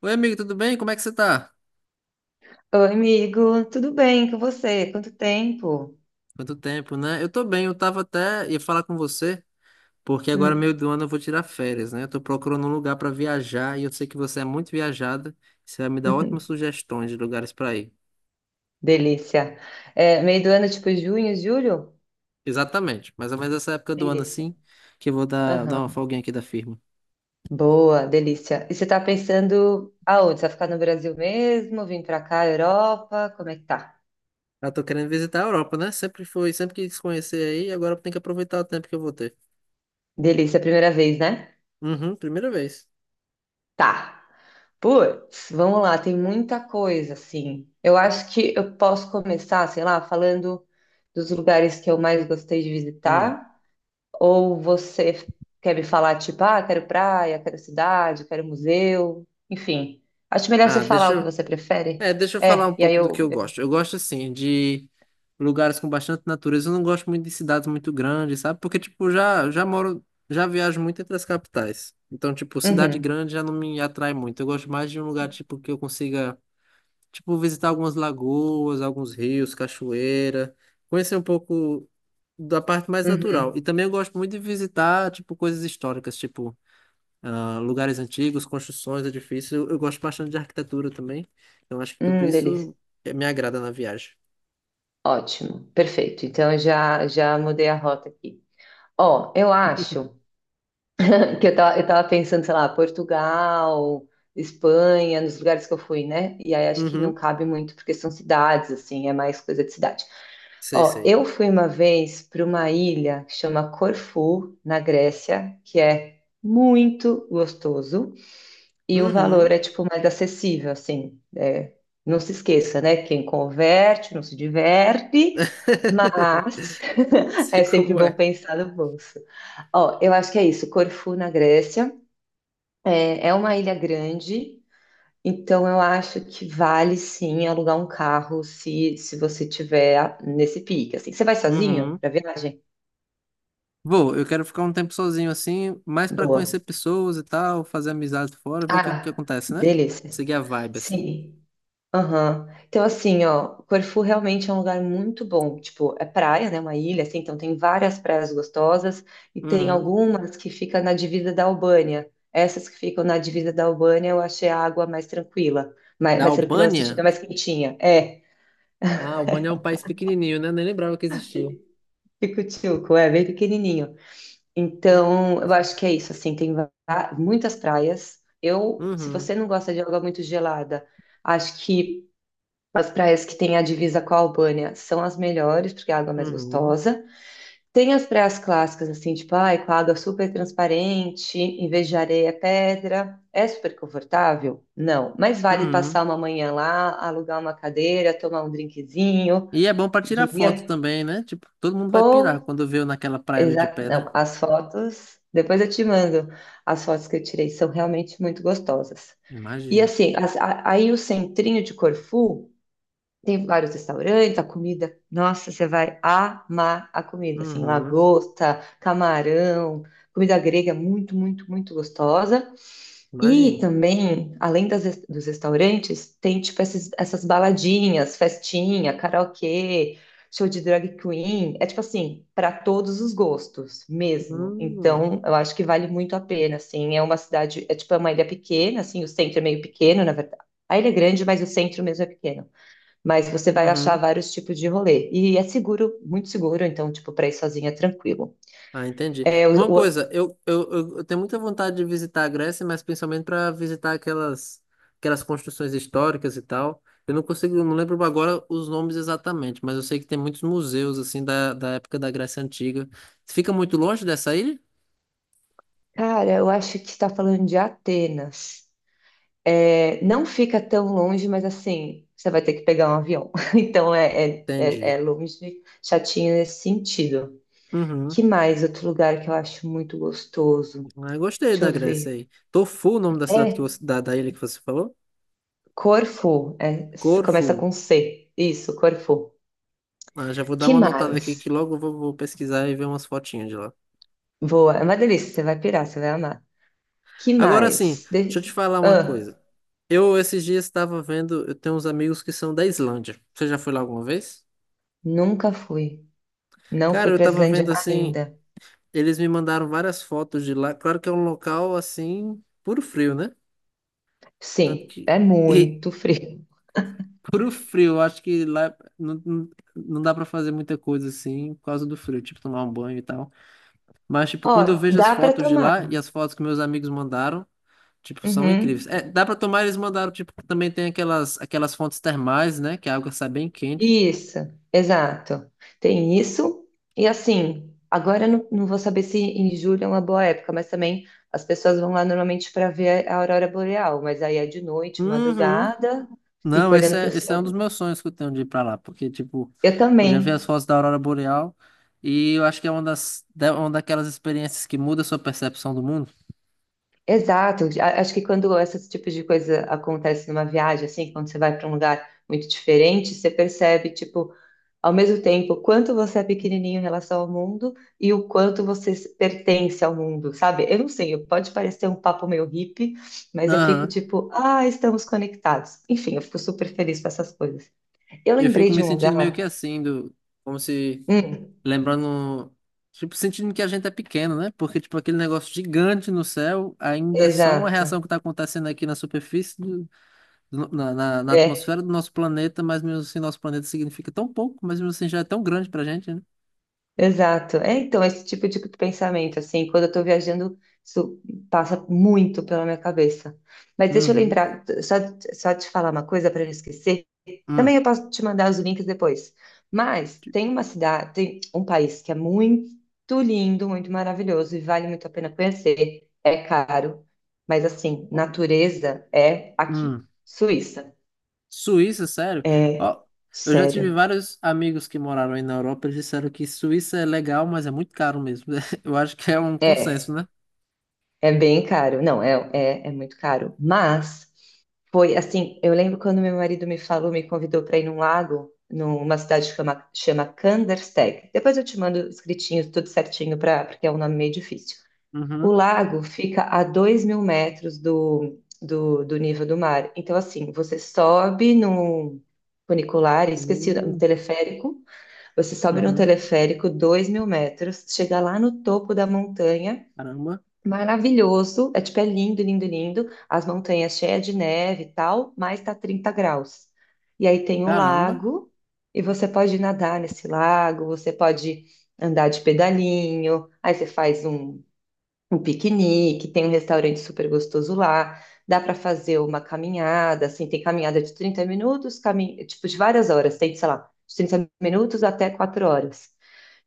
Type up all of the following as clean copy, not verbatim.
Oi, amigo, tudo bem? Como é que você tá? Oi, amigo, tudo bem com você? Quanto tempo? Quanto tempo, né? Eu tô bem, eu tava até ia falar com você, porque agora meio Hum. do ano eu vou tirar férias, né? Eu tô procurando um lugar pra viajar e eu sei que você é muito viajada, você vai me dar ótimas sugestões de lugares pra ir. Delícia. É, meio do ano, tipo junho, julho? Exatamente, mais ou menos essa época do ano Delícia. assim, que eu vou dar uma Aham. folguinha aqui da firma. Boa, delícia. E você tá pensando aonde? Você vai ficar no Brasil mesmo? Vim pra cá, Europa? Como é que tá? Eu tô querendo visitar a Europa, né? Sempre quis conhecer aí, agora eu tenho que aproveitar o tempo que eu vou ter. Delícia, primeira vez, né? Uhum, primeira vez. Tá. Putz, vamos lá, tem muita coisa, assim. Eu acho que eu posso começar, sei lá, falando dos lugares que eu mais gostei de Hum. visitar. Ou você quer me falar, tipo, ah, quero praia, quero cidade, quero museu, enfim. Acho melhor você Ah, falar deixa o que eu. você prefere. É, deixa eu falar um É, e aí pouco do que eu. eu eu- gosto. Eu gosto, assim, de lugares com bastante natureza. Eu não gosto muito de cidades muito grandes, sabe? Porque, tipo, já moro, já viajo muito entre as capitais. Então, tipo, cidade Uhum, grande já não me atrai muito. Eu gosto mais de um lugar, tipo, que eu consiga, tipo, visitar algumas lagoas, alguns rios, cachoeira. Conhecer um pouco da parte mais natural. E uhum. também eu gosto muito de visitar, tipo, coisas históricas, tipo ah, lugares antigos, construções, edifícios. Eu gosto bastante de arquitetura também. Então acho que tudo Delícia. isso me agrada na viagem. Ótimo, perfeito. Então eu já mudei a rota aqui. Ó, eu acho, que eu tava pensando, sei lá, Portugal, Espanha, nos lugares que eu fui, né? E aí acho que não Uhum, cabe muito, porque são cidades, assim, é mais coisa de cidade. sei, Ó, sei. eu fui uma vez para uma ilha que chama Corfu, na Grécia, que é muito gostoso. E o Uhum. valor é tipo mais acessível, assim. É, não se esqueça, né? Quem converte não se diverte, mas Sei é sempre como bom é. pensar no bolso. Ó, eu acho que é isso. Corfu, na Grécia, é uma ilha grande, então eu acho que vale sim alugar um carro se você tiver nesse pique, assim. Você vai sozinho Uhum. para viagem? Vou, eu quero ficar um tempo sozinho assim, mais para Boa. conhecer pessoas e tal, fazer amizades fora, ver o que Ah, acontece, né? delícia. Seguir a vibe assim. Sim. Aham. Então, assim, ó, Corfu realmente é um lugar muito bom. Tipo, é praia, né? Uma ilha, assim, então tem várias praias gostosas e tem Uhum. algumas que ficam na divisa da Albânia. Essas que ficam na divisa da Albânia, eu achei a água mais tranquila. Mais, Da mais tranquila no sentido, é Albânia? mais quentinha. É, Ah, a Albânia é um país pequenininho, né? Nem lembrava que existia. Pico-Tchuco, é bem pequenininho. Hum, Então, eu Nossa. acho que é isso, assim, tem muitas praias. Eu, se Uhum. você não gosta de água muito gelada, acho que as praias que têm a divisa com a Albânia são as melhores, porque a água é mais Uhum. gostosa. Tem as praias clássicas, assim, tipo, ai, com a água super transparente, em vez de areia, é pedra. É super confortável? Não. Mas vale Uhum. passar uma manhã lá, alugar uma cadeira, tomar um drinkzinho E é bom pra de tirar foto manhã? também, né? Tipo, todo mundo vai pirar Pô, quando vê eu naquela praia ali de exato. Não, pedra. as fotos, depois eu te mando. As fotos que eu tirei são realmente muito gostosas. E Imagino. assim, aí o centrinho de Corfu. Tem vários restaurantes, a comida. Nossa, você vai amar a comida, assim, Uhum, lagosta, camarão, comida grega muito, muito, muito gostosa. E imagino. também, além dos restaurantes, tem tipo esses essas baladinhas, festinha, karaokê, show de drag queen. É tipo assim, para todos os gostos mesmo. Hum, Então, eu acho que vale muito a pena, assim. É uma cidade, é tipo é uma ilha pequena, assim, o centro é meio pequeno, na verdade. A ilha é grande, mas o centro mesmo é pequeno, mas você vai achar uhum. vários tipos de rolê. E é seguro, muito seguro, então, tipo, para ir sozinha é tranquilo. Ah, entendi. É, Uma o- coisa, eu tenho muita vontade de visitar a Grécia, mas principalmente para visitar aquelas construções históricas e tal. Eu não lembro agora os nomes exatamente, mas eu sei que tem muitos museus assim da época da Grécia Antiga. Fica muito longe dessa ilha? cara, eu acho que está falando de Atenas. É, não fica tão longe, mas assim, você vai ter que pegar um avião. Então é Entendi. longe, chatinho nesse sentido. Uhum. Que mais outro lugar que eu acho muito gostoso? Ah, eu gostei Deixa da eu Grécia ver. aí. Tofu o nome da cidade que É, da ilha que você falou? Corfu, é, começa Corfu. com C. Isso, Corfu. Ah, já vou dar Que uma notada mais? aqui que logo vou pesquisar e ver umas fotinhas de lá. Boa, é uma delícia, você vai pirar, você vai amar. Que Agora sim, mais? deixa eu te falar uma Ah, coisa. Eu esses dias estava vendo, eu tenho uns amigos que são da Islândia. Você já foi lá alguma vez? nunca fui. Não Cara, fui eu para tava Islândia vendo assim, ainda. eles me mandaram várias fotos de lá. Claro que é um local assim, puro frio, né? Tanto Sim, é que e muito frio. puro frio, eu acho que lá não dá pra fazer muita coisa assim por causa do frio, tipo tomar um banho e tal. Mas, tipo, Ó, quando eu vejo as dá para fotos de tomar. lá e as fotos que meus amigos mandaram, tipo, são incríveis. Uhum. É, dá pra tomar, eles mandaram, tipo, que também tem aquelas fontes termais, né? Que a água sai bem quente. Isso, exato. Tem isso. E assim, agora eu não vou saber se em julho é uma boa época, mas também as pessoas vão lá normalmente para ver a aurora boreal, mas aí é de noite, Uhum. madrugada, fica Não, olhando para o esse é um dos céu. meus sonhos que eu tenho de ir pra lá, porque, tipo, Eu eu já vi também. as fotos da Aurora Boreal e eu acho que é uma uma daquelas experiências que muda a sua percepção do mundo. Exato. Acho que quando esses tipos de coisa acontece numa viagem, assim, quando você vai para um lugar muito diferente, você percebe, tipo, ao mesmo tempo, o quanto você é pequenininho em relação ao mundo e o quanto você pertence ao mundo, sabe? Eu não sei, pode parecer um papo meio hippie, mas eu fico Aham. tipo, ah, estamos conectados. Enfim, eu fico super feliz com essas coisas. Eu Eu lembrei fico de me um sentindo meio que lugar. assim, do, como se Hum, Lembrando, tipo, sentindo que a gente é pequeno, né? Porque, tipo, aquele negócio gigante no céu ainda é só uma exato. reação que tá acontecendo aqui na superfície, na É. atmosfera do nosso planeta, mas mesmo assim, nosso planeta significa tão pouco, mas mesmo assim já é tão grande pra gente, né? Exato. É, então, esse tipo de pensamento, assim, quando eu estou viajando, isso passa muito pela minha cabeça. Mas deixa eu Uhum. lembrar, só te falar uma coisa para não esquecer. Também Hum. eu posso te mandar os links depois. Mas tem uma cidade, tem um país que é muito lindo, muito maravilhoso e vale muito a pena conhecer. É caro, mas assim, natureza é aqui, Hum. Suíça. Suíça, sério? É, Ó, eu já tive sério. vários amigos que moraram aí na Europa, eles disseram que Suíça é legal, mas é muito caro mesmo. Eu acho que é um É, consenso, né? é bem caro. Não, é muito caro. Mas foi assim, eu lembro quando meu marido me falou, me convidou para ir num lago, numa cidade que chama Kandersteg. Depois eu te mando escritinho, tudo certinho, porque é um nome meio difícil. O Uhum. lago fica a 2 mil metros do nível do mar. Então, assim, você sobe num funicular, esqueci, um Hum, teleférico, você sobe num uhum. teleférico 2 mil metros, chega lá no topo da montanha. Caramba, Maravilhoso, é tipo, é lindo, lindo, lindo, as montanhas cheias de neve e tal, mas tá 30 graus. E aí tem o caramba. lago, e você pode nadar nesse lago, você pode andar de pedalinho, aí você faz um piquenique, tem um restaurante super gostoso lá, dá para fazer uma caminhada, assim, tem caminhada de 30 minutos, tipo, de várias horas, tem, sei lá, de 30 minutos até 4 horas.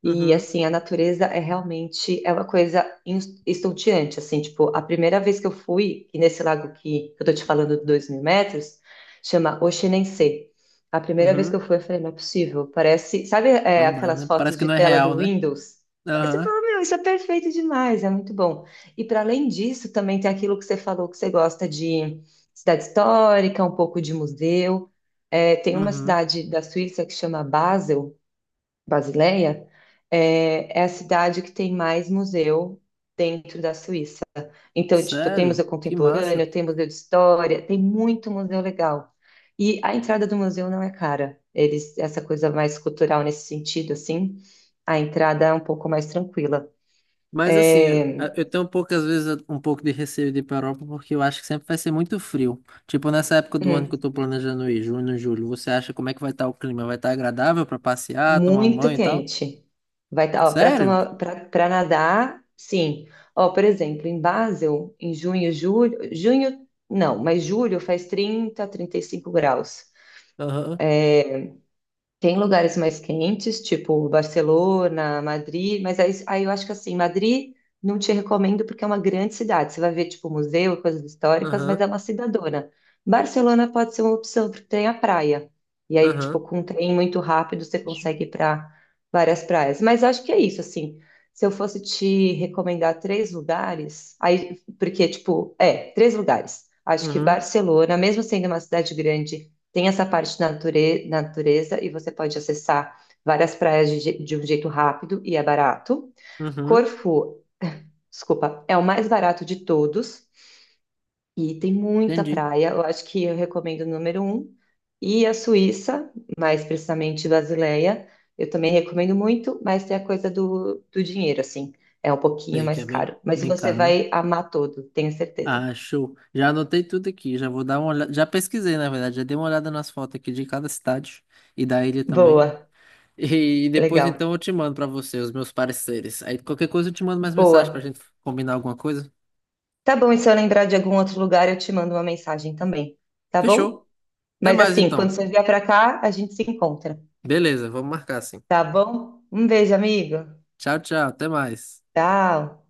E Uhum, assim, a natureza é realmente uma coisa estonteante, assim, tipo, a primeira vez que eu fui, e nesse lago que eu tô te falando de 2.000 metros, chama Oxenense. A primeira vez que uhum. eu fui, eu falei, não é possível, parece, sabe, é, Não dá, aquelas né? Parece fotos que de não é tela real, do né? Windows? Aí você Aham, fala, meu, isso é perfeito demais, é muito bom. E para além disso, também tem aquilo que você falou que você gosta de cidade histórica, um pouco de museu. É, tem uma uhum. cidade da Suíça que chama Basel, Basileia, é a cidade que tem mais museu dentro da Suíça. Então, tipo, tem Sério? museu Que massa. contemporâneo, tem museu de história, tem muito museu legal. E a entrada do museu não é cara. Eles, essa coisa mais cultural nesse sentido, assim, a entrada é um pouco mais tranquila. Mas assim, eu, É, eu tenho poucas vezes um pouco de receio de ir pra Europa porque eu acho que sempre vai ser muito frio. Tipo, nessa época do ano que eu hum, tô planejando ir, junho, julho, você acha como é que vai estar o clima? Vai estar agradável para passear, tomar um muito banho e tal? quente. Vai estar, para Sério? tomar, para nadar, sim. Ó, por exemplo, em Basel, em junho, julho, junho, não, mas julho faz 30, 35 graus. Aham, Tem lugares mais quentes, tipo Barcelona, Madrid, mas aí eu acho que assim, Madrid não te recomendo porque é uma grande cidade. Você vai ver, tipo, museu, coisas históricas, mas aham, é uma cidadona. Barcelona pode ser uma opção, porque tem a praia. E aí, tipo, aham, com um trem muito rápido, você consegue ir para várias praias. Mas acho que é isso, assim. Se eu fosse te recomendar três lugares, aí, porque, tipo, é, três lugares. Acho que uhum, Barcelona, mesmo sendo uma cidade grande, tem essa parte da natureza e você pode acessar várias praias de um jeito rápido e é barato. uhum. Corfu, desculpa, é o mais barato de todos e tem muita Entendi. praia. Eu acho que eu recomendo o número um. E a Suíça, mais precisamente Basileia, eu também recomendo muito, mas tem a coisa do dinheiro, assim. É um pouquinho Sei que mais é bem, caro. Mas bem você caro, né? vai amar todo, tenho certeza. Ah, show. Já anotei tudo aqui, já vou dar uma olhada. Já pesquisei, na verdade, já dei uma olhada nas fotos aqui de cada cidade e da ilha também. Boa, E depois legal. então eu te mando pra você os meus pareceres. Aí qualquer coisa eu te mando mais mensagem pra Boa. gente combinar alguma coisa. Tá bom, e se eu lembrar de algum outro lugar, eu te mando uma mensagem também, tá Fechou? bom? Até Mas mais assim, quando então. você vier pra cá, a gente se encontra, Beleza, vamos marcar assim. tá bom? Um beijo, amigo. Tchau, tchau, até mais. Tchau.